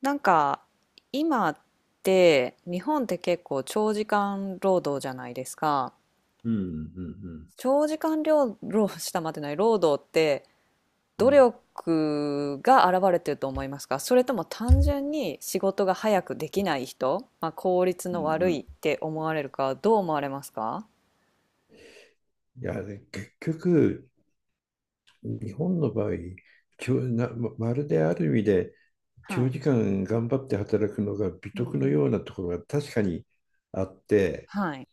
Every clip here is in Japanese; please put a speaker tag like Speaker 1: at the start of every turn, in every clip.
Speaker 1: なんか今って日本って結構長時間労働じゃないですか。
Speaker 2: うん。うん。
Speaker 1: 長時間労働したまってない労働って
Speaker 2: うん。う
Speaker 1: 努
Speaker 2: ん。
Speaker 1: 力が現れてると思いますか、それとも単純に仕事が早くできない人、まあ、効率
Speaker 2: う
Speaker 1: の
Speaker 2: ん。う
Speaker 1: 悪い
Speaker 2: ん。
Speaker 1: って思われるか、どう思われますか。
Speaker 2: いや、で結局、日本の場合、きょなま、まるである意味で、
Speaker 1: は
Speaker 2: 長
Speaker 1: い。
Speaker 2: 時間頑張って働くのが美
Speaker 1: うん
Speaker 2: 徳
Speaker 1: う
Speaker 2: の
Speaker 1: ん。
Speaker 2: ようなところが確かにあって、
Speaker 1: はい。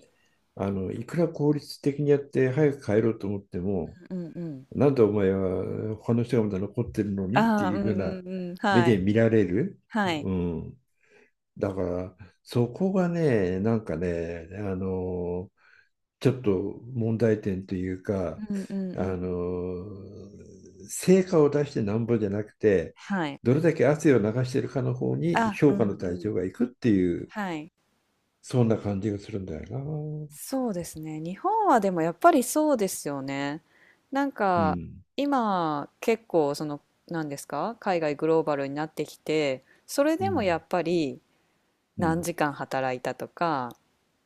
Speaker 2: いくら効率的にやって早く帰ろうと思っても、
Speaker 1: うんうん。
Speaker 2: なんでお前は他の人がまだ残ってるのにって
Speaker 1: ああ、
Speaker 2: い
Speaker 1: う
Speaker 2: うふ
Speaker 1: ん
Speaker 2: うな
Speaker 1: うんうん。
Speaker 2: 目
Speaker 1: は
Speaker 2: で
Speaker 1: い。
Speaker 2: 見られる。
Speaker 1: はい。
Speaker 2: うん。だから、そこがね、なんかね、ちょっと問題点というか、
Speaker 1: うんうん
Speaker 2: あ
Speaker 1: うん。
Speaker 2: の、成果を出してなんぼじゃなくて、
Speaker 1: はい。
Speaker 2: どれだけ汗を流しているかの方に
Speaker 1: あ、う
Speaker 2: 評価
Speaker 1: ん
Speaker 2: の対
Speaker 1: うん。
Speaker 2: 象がいくっていう、
Speaker 1: はい。
Speaker 2: そんな感じがするんだよな。
Speaker 1: そうですね。日本はでもやっぱりそうですよね。なん
Speaker 2: う
Speaker 1: か
Speaker 2: ん、
Speaker 1: 今結構その、何ですか、海外グローバルになってきて、それ
Speaker 2: う
Speaker 1: でもや
Speaker 2: ん、
Speaker 1: っぱり
Speaker 2: う
Speaker 1: 何
Speaker 2: ん、
Speaker 1: 時間働いたとか、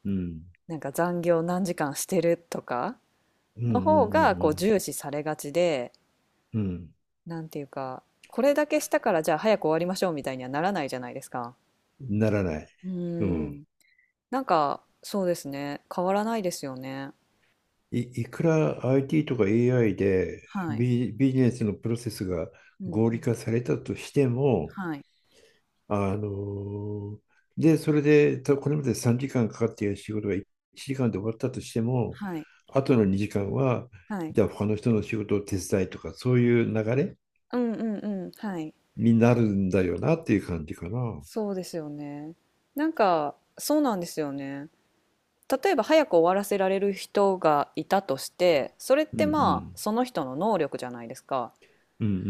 Speaker 2: うん、
Speaker 1: なんか残業何時間してるとか
Speaker 2: うん、う
Speaker 1: の
Speaker 2: ん、
Speaker 1: 方
Speaker 2: う
Speaker 1: が
Speaker 2: ん、う
Speaker 1: こう
Speaker 2: ん、
Speaker 1: 重視されがちで、
Speaker 2: うん。
Speaker 1: なんていうか、これだけしたからじゃあ早く終わりましょう、みたいにはならないじゃないですか。
Speaker 2: ならない。
Speaker 1: う
Speaker 2: う
Speaker 1: ん。
Speaker 2: ん。
Speaker 1: なんかそうですね。変わらないですよね。
Speaker 2: いくら IT とか AI で
Speaker 1: はい。
Speaker 2: ビジネスのプロセスが
Speaker 1: うん
Speaker 2: 合
Speaker 1: う
Speaker 2: 理
Speaker 1: ん。
Speaker 2: 化されたとしても、
Speaker 1: はい。
Speaker 2: あので、それで、これまで3時間かんかかっている仕事が1時間で終わったとしても、
Speaker 1: はい。
Speaker 2: あとの2時間は、
Speaker 1: はい。
Speaker 2: じゃあ他の人の仕事を手伝いとか、そういう流れ
Speaker 1: うんうんうん。はい。
Speaker 2: になるんだよなっていう感じかな。うん、
Speaker 1: そうですよね。なんか、そうなんですよね。例えば早く終わらせられる人がいたとして、それっ
Speaker 2: う
Speaker 1: てまあ、
Speaker 2: ん、
Speaker 1: その人の能力じゃないですか。
Speaker 2: うん、うん、う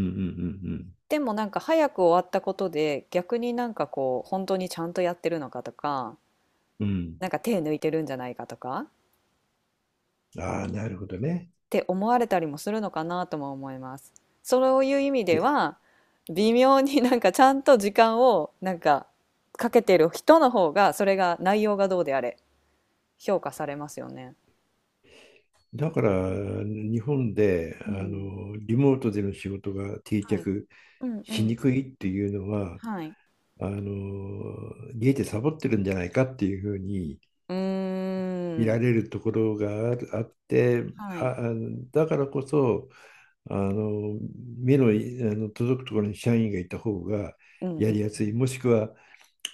Speaker 2: ん、
Speaker 1: でもなんか早く終わったことで、逆になんかこう、本当にちゃんとやってるのかとか、
Speaker 2: うん、うん、うん。
Speaker 1: なんか手抜いてるんじゃないかとか、
Speaker 2: ああ、なるほどね。
Speaker 1: って思われたりもするのかなとも思います。そういう意味
Speaker 2: い
Speaker 1: で
Speaker 2: や、
Speaker 1: は微妙に、なんかちゃんと時間をなんかかけてる人の方が、それが内容がどうであれ評価されますよね。
Speaker 2: だから日本で
Speaker 1: うん。
Speaker 2: リモートでの仕事が定
Speaker 1: はい。
Speaker 2: 着
Speaker 1: うんう
Speaker 2: しに
Speaker 1: ん。
Speaker 2: くいっていうのは
Speaker 1: はい。
Speaker 2: ゲイでサボってるんじゃないかっていうふうに
Speaker 1: うー
Speaker 2: 見ら
Speaker 1: ん。
Speaker 2: れるところがあって、
Speaker 1: は
Speaker 2: あ、
Speaker 1: い。
Speaker 2: あだからこそ、あの、目の届くところに社員がいた方が
Speaker 1: うん
Speaker 2: や
Speaker 1: うん。
Speaker 2: りやすい、もしくは、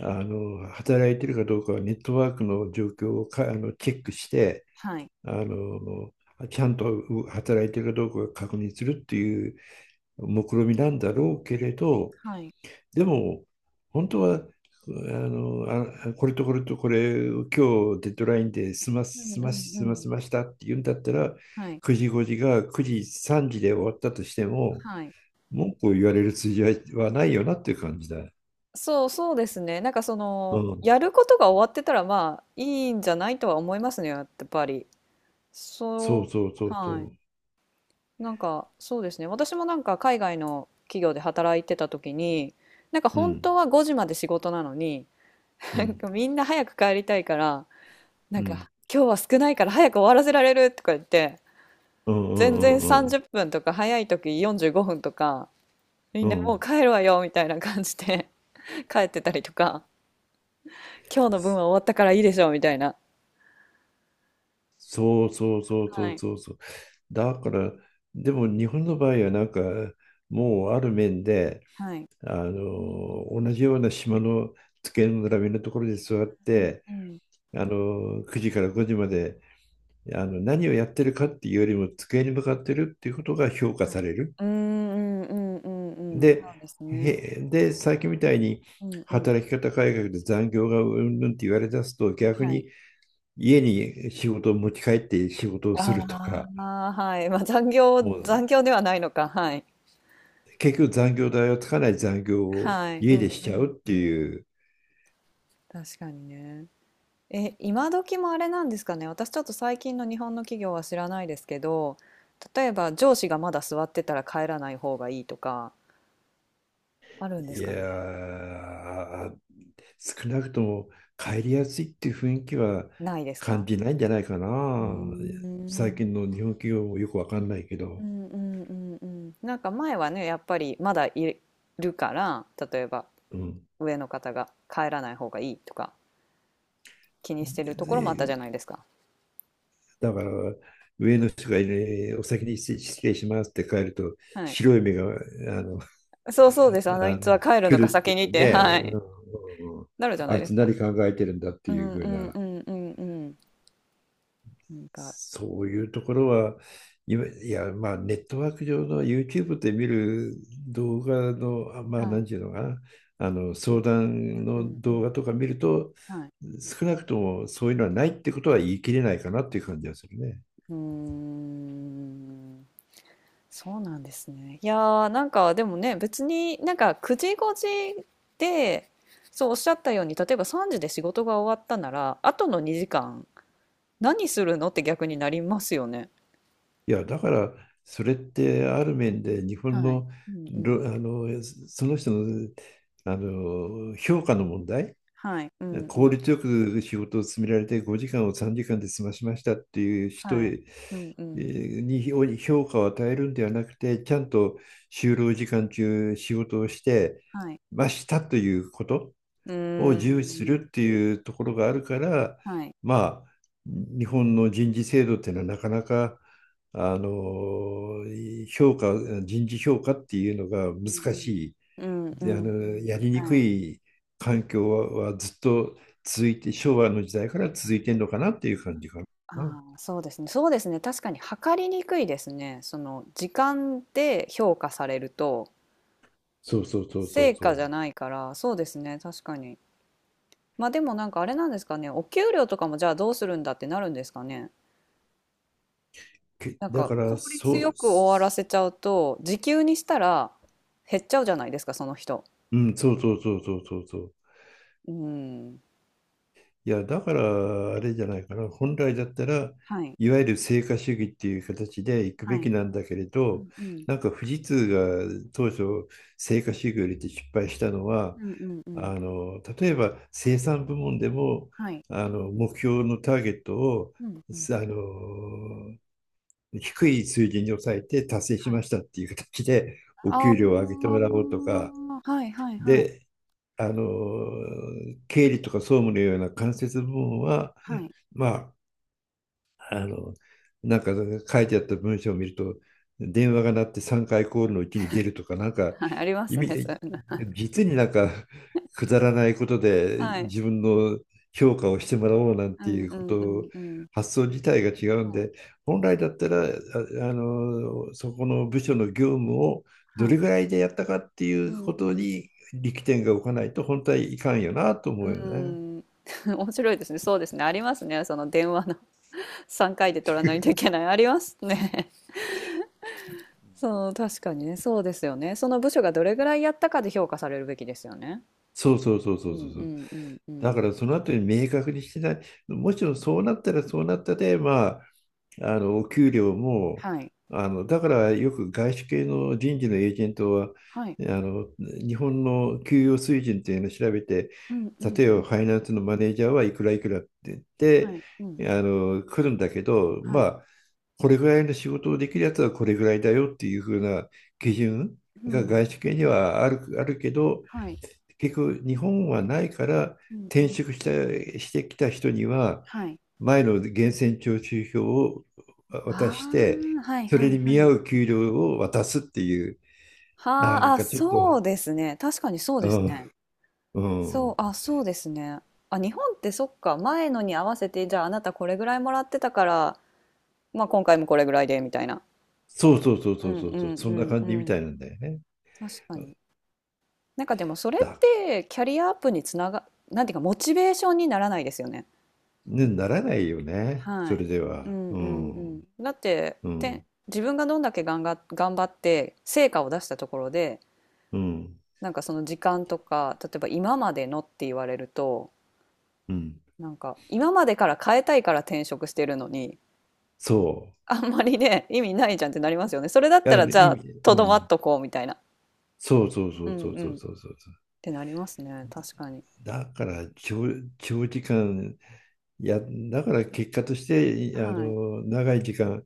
Speaker 2: 働いてるかどうかはネットワークの状況をか、あの、チェックして、
Speaker 1: はい。
Speaker 2: あの、ちゃんと働いてるかどうかを確認するっていう目論見みなんだろうけれど、
Speaker 1: はい。
Speaker 2: でも、本当は、これとこれとこれを今日デッドラインで済ま
Speaker 1: う
Speaker 2: す、
Speaker 1: んう
Speaker 2: 済
Speaker 1: ん
Speaker 2: ます、済
Speaker 1: う
Speaker 2: ま
Speaker 1: ん。
Speaker 2: せましたって言うんだったら、
Speaker 1: はい。
Speaker 2: 9時5時が9時3時で終わったとしても、
Speaker 1: はい。
Speaker 2: 文句を言われる筋合いはないよなっていう感じだ。
Speaker 1: そうそうですね。なんかそ
Speaker 2: う
Speaker 1: の
Speaker 2: ん。
Speaker 1: やることが終わってたら、まあいいんじゃないとは思いますね。やっぱり。
Speaker 2: そう
Speaker 1: そ
Speaker 2: そうそ
Speaker 1: う。
Speaker 2: う
Speaker 1: はい。
Speaker 2: そ
Speaker 1: なんか、そうですね。私もなんか海外の企業で働いてた時に、なんか
Speaker 2: う。う
Speaker 1: 本
Speaker 2: ん。
Speaker 1: 当は5時まで仕事なのに、
Speaker 2: う
Speaker 1: なん
Speaker 2: ん。
Speaker 1: かみんな早く帰りたいから、な
Speaker 2: う
Speaker 1: ん
Speaker 2: ん。
Speaker 1: か今日は少ないから早く終わらせられるとか言って、
Speaker 2: うん、
Speaker 1: 全然
Speaker 2: うん、う
Speaker 1: 30
Speaker 2: ん、
Speaker 1: 分とか、早い時45分とか、み
Speaker 2: う
Speaker 1: んな
Speaker 2: ん、う
Speaker 1: もう
Speaker 2: ん。
Speaker 1: 帰るわよみたいな感じで、 帰ってたりとか、今日の分は終わったからいいでしょう、みたいな。
Speaker 2: そうそうそうそ
Speaker 1: は
Speaker 2: う
Speaker 1: い。
Speaker 2: そうそう。だから、でも日本の場合はなんか、もうある面で、
Speaker 1: はい。
Speaker 2: 同じような島の机の並びのところで座っ
Speaker 1: う
Speaker 2: て、
Speaker 1: んうん。
Speaker 2: 9時から5時まで、何をやってるかっていうよりも机に向かってるっていうことが評価
Speaker 1: はい。
Speaker 2: される。
Speaker 1: うーん、うんうんうんうん。そう
Speaker 2: で、
Speaker 1: ですね。
Speaker 2: 最近みたいに
Speaker 1: うんうん。
Speaker 2: 働き方改革で残業がうんぬんって言われ出すと、逆
Speaker 1: は
Speaker 2: に
Speaker 1: い。
Speaker 2: 家に仕事を持ち帰って仕事をすると
Speaker 1: あ
Speaker 2: か、
Speaker 1: あ、はい。まあ、残業、
Speaker 2: もう
Speaker 1: 残業ではないのか。はい。
Speaker 2: 結局残業代をつかない残業を
Speaker 1: はい。う
Speaker 2: 家
Speaker 1: ん
Speaker 2: でし
Speaker 1: う
Speaker 2: ちゃう
Speaker 1: ん
Speaker 2: っ
Speaker 1: う
Speaker 2: て
Speaker 1: ん。
Speaker 2: いう。
Speaker 1: 確かにね。え、今時もあれなんですかね。私ちょっと最近の日本の企業は知らないですけど、例えば上司がまだ座ってたら帰らない方がいいとか、あるんです
Speaker 2: い
Speaker 1: かね。
Speaker 2: やー、少なくとも帰りやすいっていう雰囲気は
Speaker 1: ないです
Speaker 2: 感
Speaker 1: か。
Speaker 2: じないんじゃないか
Speaker 1: うー
Speaker 2: な。最近
Speaker 1: ん。
Speaker 2: の日本企業もよくわかんないけ
Speaker 1: う
Speaker 2: ど。
Speaker 1: んうんうんうん。なんか前はね、やっぱりまだいるから、例えば
Speaker 2: うん、
Speaker 1: 上の方が帰らない方がいいとか気にして
Speaker 2: で
Speaker 1: るところもあった
Speaker 2: で
Speaker 1: じゃないですか。
Speaker 2: だから、上の人が、ね、お先に失礼しますって帰ると、
Speaker 1: はい。
Speaker 2: 白い目があの
Speaker 1: そうそうです。あの、
Speaker 2: あ
Speaker 1: い
Speaker 2: の
Speaker 1: つは帰るのか
Speaker 2: 来るって
Speaker 1: 先にっ
Speaker 2: いう
Speaker 1: て、
Speaker 2: ね、
Speaker 1: はい。
Speaker 2: うん、うん、うん。
Speaker 1: なるじゃな
Speaker 2: あ
Speaker 1: い
Speaker 2: い
Speaker 1: で
Speaker 2: つ
Speaker 1: すか。
Speaker 2: 何考えてるんだって
Speaker 1: うんう
Speaker 2: いうふう
Speaker 1: んう
Speaker 2: な
Speaker 1: んうんうん。なんか、
Speaker 2: そういうところは、今いや、まあ、ネットワーク上の YouTube で見る動画の、まあ、
Speaker 1: は
Speaker 2: なん
Speaker 1: い。
Speaker 2: ていうのかな、相談
Speaker 1: う
Speaker 2: の
Speaker 1: んうん。
Speaker 2: 動画とか見ると、
Speaker 1: はい。
Speaker 2: 少なくともそういうのはないってことは言い切れないかなっていう感じがするね。
Speaker 1: うーん。そうなんですね。いやー、なんかでもね、別になんか9時5時で、そうおっしゃったように、例えば3時で仕事が終わったなら、あとの2時間何するのって逆になりますよね。
Speaker 2: いや、だから、それってある面で日本
Speaker 1: はい。
Speaker 2: の、
Speaker 1: うんうん。
Speaker 2: ろあのその人の、評価の問題。
Speaker 1: はい。うんう
Speaker 2: 効
Speaker 1: ん。
Speaker 2: 率よく仕事を進められて5時間を3時間で済ましましたっていう人
Speaker 1: はい。
Speaker 2: へ
Speaker 1: うんう
Speaker 2: え
Speaker 1: ん。
Speaker 2: ーに評価を与えるんではなくて、ちゃんと就労時間中仕事をして
Speaker 1: はい。
Speaker 2: ましたということ
Speaker 1: う
Speaker 2: を
Speaker 1: ー
Speaker 2: 重視する
Speaker 1: ん。
Speaker 2: っていうところがあるから、
Speaker 1: はい。
Speaker 2: まあ、日本の人事制度っていうのはなかなか、あの、評価、人事評価っていうの
Speaker 1: う
Speaker 2: が
Speaker 1: んうん
Speaker 2: 難
Speaker 1: う
Speaker 2: し
Speaker 1: ん。
Speaker 2: い
Speaker 1: うんう
Speaker 2: で、
Speaker 1: んうん。
Speaker 2: やりにく
Speaker 1: はい。
Speaker 2: い環境はずっと続いて、昭和の時代から続いてんのかなっていう感じか
Speaker 1: あ
Speaker 2: な。
Speaker 1: あ、そうですね。そうですね。確かに測りにくいですね。その時間で評価されると
Speaker 2: そうそうそうそう
Speaker 1: 成
Speaker 2: そ
Speaker 1: 果じゃ
Speaker 2: う。
Speaker 1: ないから、そうですね。確かに。まあでもなんかあれなんですかね。お給料とかもじゃあどうするんだってなるんですかね。なん
Speaker 2: だ
Speaker 1: か
Speaker 2: か
Speaker 1: 効
Speaker 2: ら、
Speaker 1: 率
Speaker 2: そ
Speaker 1: よ
Speaker 2: う、
Speaker 1: く終わらせちゃうと時給にしたら減っちゃうじゃないですか、その人。
Speaker 2: うん、そうそうそうそうそうそう。
Speaker 1: うん。
Speaker 2: いや、だから、あれじゃないかな。本来だったら、
Speaker 1: はい。
Speaker 2: いわゆる成果主義っていう形で行く
Speaker 1: は
Speaker 2: べき
Speaker 1: い。
Speaker 2: なんだけれ
Speaker 1: う
Speaker 2: ど、
Speaker 1: んうん。
Speaker 2: なんか富士通が当初、成果主義を入れて失敗したのは、
Speaker 1: うんうんうん。
Speaker 2: 例えば生産部門でも、
Speaker 1: はい。
Speaker 2: 目標のターゲットを、
Speaker 1: うん
Speaker 2: あ
Speaker 1: うん。
Speaker 2: の、低い水準に抑えて達成し
Speaker 1: は
Speaker 2: ま
Speaker 1: い。
Speaker 2: したっていう形で、お
Speaker 1: あ
Speaker 2: 給料を上げてもらおうとか、
Speaker 1: あ、はいはいはい。
Speaker 2: で、あの経理とか総務のような間接部門は、
Speaker 1: はい。
Speaker 2: まあ、あの、なんか書いてあった文章を見ると、電話が鳴って3回コールのうちに出るとか、なんか
Speaker 1: はい、ありま
Speaker 2: 意
Speaker 1: すね、
Speaker 2: 味、
Speaker 1: そういうの。
Speaker 2: 実になんかくだらないことで
Speaker 1: はい。
Speaker 2: 自分の評価をしてもらおうなん
Speaker 1: う
Speaker 2: て
Speaker 1: ん
Speaker 2: いう
Speaker 1: う
Speaker 2: こ
Speaker 1: ん
Speaker 2: と
Speaker 1: う
Speaker 2: を
Speaker 1: んうん。
Speaker 2: 発想自体が違うん
Speaker 1: はい。
Speaker 2: で、本来だったら、そこの部署の業務をど
Speaker 1: は
Speaker 2: れ
Speaker 1: い。
Speaker 2: ぐらいでやったかってい
Speaker 1: う
Speaker 2: う
Speaker 1: ん
Speaker 2: こ
Speaker 1: う
Speaker 2: と
Speaker 1: ん。
Speaker 2: に力点が置かないと本当はいかんよなと思うよ
Speaker 1: う
Speaker 2: ね。
Speaker 1: ん。面白いですね。そうですね。ありますね。その電話の 3回で取らないといけない。ありますね。そう、確かにね。そうですよね。その部署がどれぐらいやったかで評価されるべきですよね。
Speaker 2: そうそうそう
Speaker 1: う
Speaker 2: そうそ
Speaker 1: ん
Speaker 2: うそ
Speaker 1: う
Speaker 2: う。
Speaker 1: んうんう
Speaker 2: だ
Speaker 1: ん。
Speaker 2: からその後に明確にしてない。もちろんそうなったらそうなったで、まあ、お給料も、
Speaker 1: はい。
Speaker 2: だからよく外資系の人事のエージェントは、
Speaker 1: はい。
Speaker 2: 日本の給与水準っていうのを調べて、
Speaker 1: うんうん
Speaker 2: 例え
Speaker 1: う
Speaker 2: ば
Speaker 1: ん。
Speaker 2: ファイナンスのマネージャーはいくらいくらって言っ
Speaker 1: は
Speaker 2: て、
Speaker 1: い。うん。
Speaker 2: 来るんだけど、
Speaker 1: は
Speaker 2: ま
Speaker 1: い。
Speaker 2: あ、これぐらいの仕事をできるやつはこれぐらいだよっていうふうな基準
Speaker 1: う
Speaker 2: が
Speaker 1: ん。
Speaker 2: 外資系にはあるけど、
Speaker 1: はい。
Speaker 2: 結局日本はないから
Speaker 1: うんう
Speaker 2: 転
Speaker 1: ん。
Speaker 2: 職してきた人には
Speaker 1: はい。
Speaker 2: 前の源泉徴収票を渡
Speaker 1: あ
Speaker 2: して
Speaker 1: あ、はい
Speaker 2: そ
Speaker 1: は
Speaker 2: れ
Speaker 1: い
Speaker 2: に
Speaker 1: は
Speaker 2: 見合
Speaker 1: い。
Speaker 2: う給料を渡すっていうな
Speaker 1: は
Speaker 2: ん
Speaker 1: あ、あ、
Speaker 2: かちょっと、
Speaker 1: そうですね。確かにそう
Speaker 2: う
Speaker 1: ですね。
Speaker 2: ん、う
Speaker 1: そう、
Speaker 2: ん。
Speaker 1: あ、そうですね。あ、日本ってそっか、前のに合わせて、じゃああなたこれぐらいもらってたから、まあ今回もこれぐらいで、みたいな。
Speaker 2: そうそうそう
Speaker 1: う
Speaker 2: そう
Speaker 1: ん
Speaker 2: そう
Speaker 1: う
Speaker 2: そう。
Speaker 1: ん
Speaker 2: そ
Speaker 1: う
Speaker 2: んな
Speaker 1: んう
Speaker 2: 感じみ
Speaker 1: ん。
Speaker 2: たいなんだよね。
Speaker 1: 確かに。なんかでもそれっ
Speaker 2: だ
Speaker 1: てキャリアアップにつなが、なんていうかモチベーションにならないですよね。
Speaker 2: ね、ならないよね
Speaker 1: は
Speaker 2: それ
Speaker 1: い。
Speaker 2: で
Speaker 1: う
Speaker 2: は。
Speaker 1: んうん
Speaker 2: う
Speaker 1: う
Speaker 2: ん、
Speaker 1: ん。だって、
Speaker 2: う
Speaker 1: て、
Speaker 2: ん、
Speaker 1: 自分がどんだけ頑張って成果を出したところで、
Speaker 2: うん、
Speaker 1: なんかその時間とか、例えば今までのって言われると、
Speaker 2: うん。
Speaker 1: なんか今までから変えたいから転職してるのに、
Speaker 2: そ
Speaker 1: あんまりね、意味ないじゃんってなりますよね。それだっ
Speaker 2: う。い
Speaker 1: た
Speaker 2: や、
Speaker 1: らじゃあ、と
Speaker 2: う
Speaker 1: どま
Speaker 2: ん、
Speaker 1: っとこう、みたいな。
Speaker 2: そうそうそ
Speaker 1: う
Speaker 2: う
Speaker 1: ん
Speaker 2: そう
Speaker 1: う
Speaker 2: そ
Speaker 1: ん。
Speaker 2: う
Speaker 1: っ
Speaker 2: そうそう。
Speaker 1: てなりますね。確かに。
Speaker 2: だから長時間、いや、だから結果として、
Speaker 1: はい。
Speaker 2: 長い時間、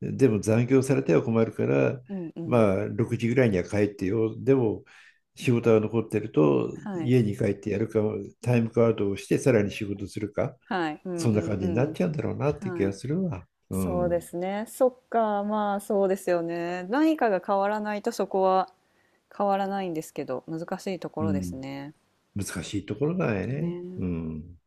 Speaker 2: でも残業されては困るから、
Speaker 1: うんうん。
Speaker 2: まあ、6時ぐらいには帰ってよ。でも、仕事が残ってると、
Speaker 1: はい。
Speaker 2: 家に帰ってやるか、タイムカードをして、さらに仕事するか、
Speaker 1: はい。うんうん
Speaker 2: そんな感じにな
Speaker 1: う
Speaker 2: っ
Speaker 1: ん。
Speaker 2: ちゃうんだろうなって気
Speaker 1: は
Speaker 2: が
Speaker 1: い。
Speaker 2: するわ。う
Speaker 1: そうで
Speaker 2: ん。
Speaker 1: すね。そっか。まあそうですよね。何かが変わらないとそこは変わらないんですけど、難しいとこ
Speaker 2: う
Speaker 1: ろです
Speaker 2: ん。
Speaker 1: ね。
Speaker 2: 難しいところだよね。
Speaker 1: ね。
Speaker 2: うん。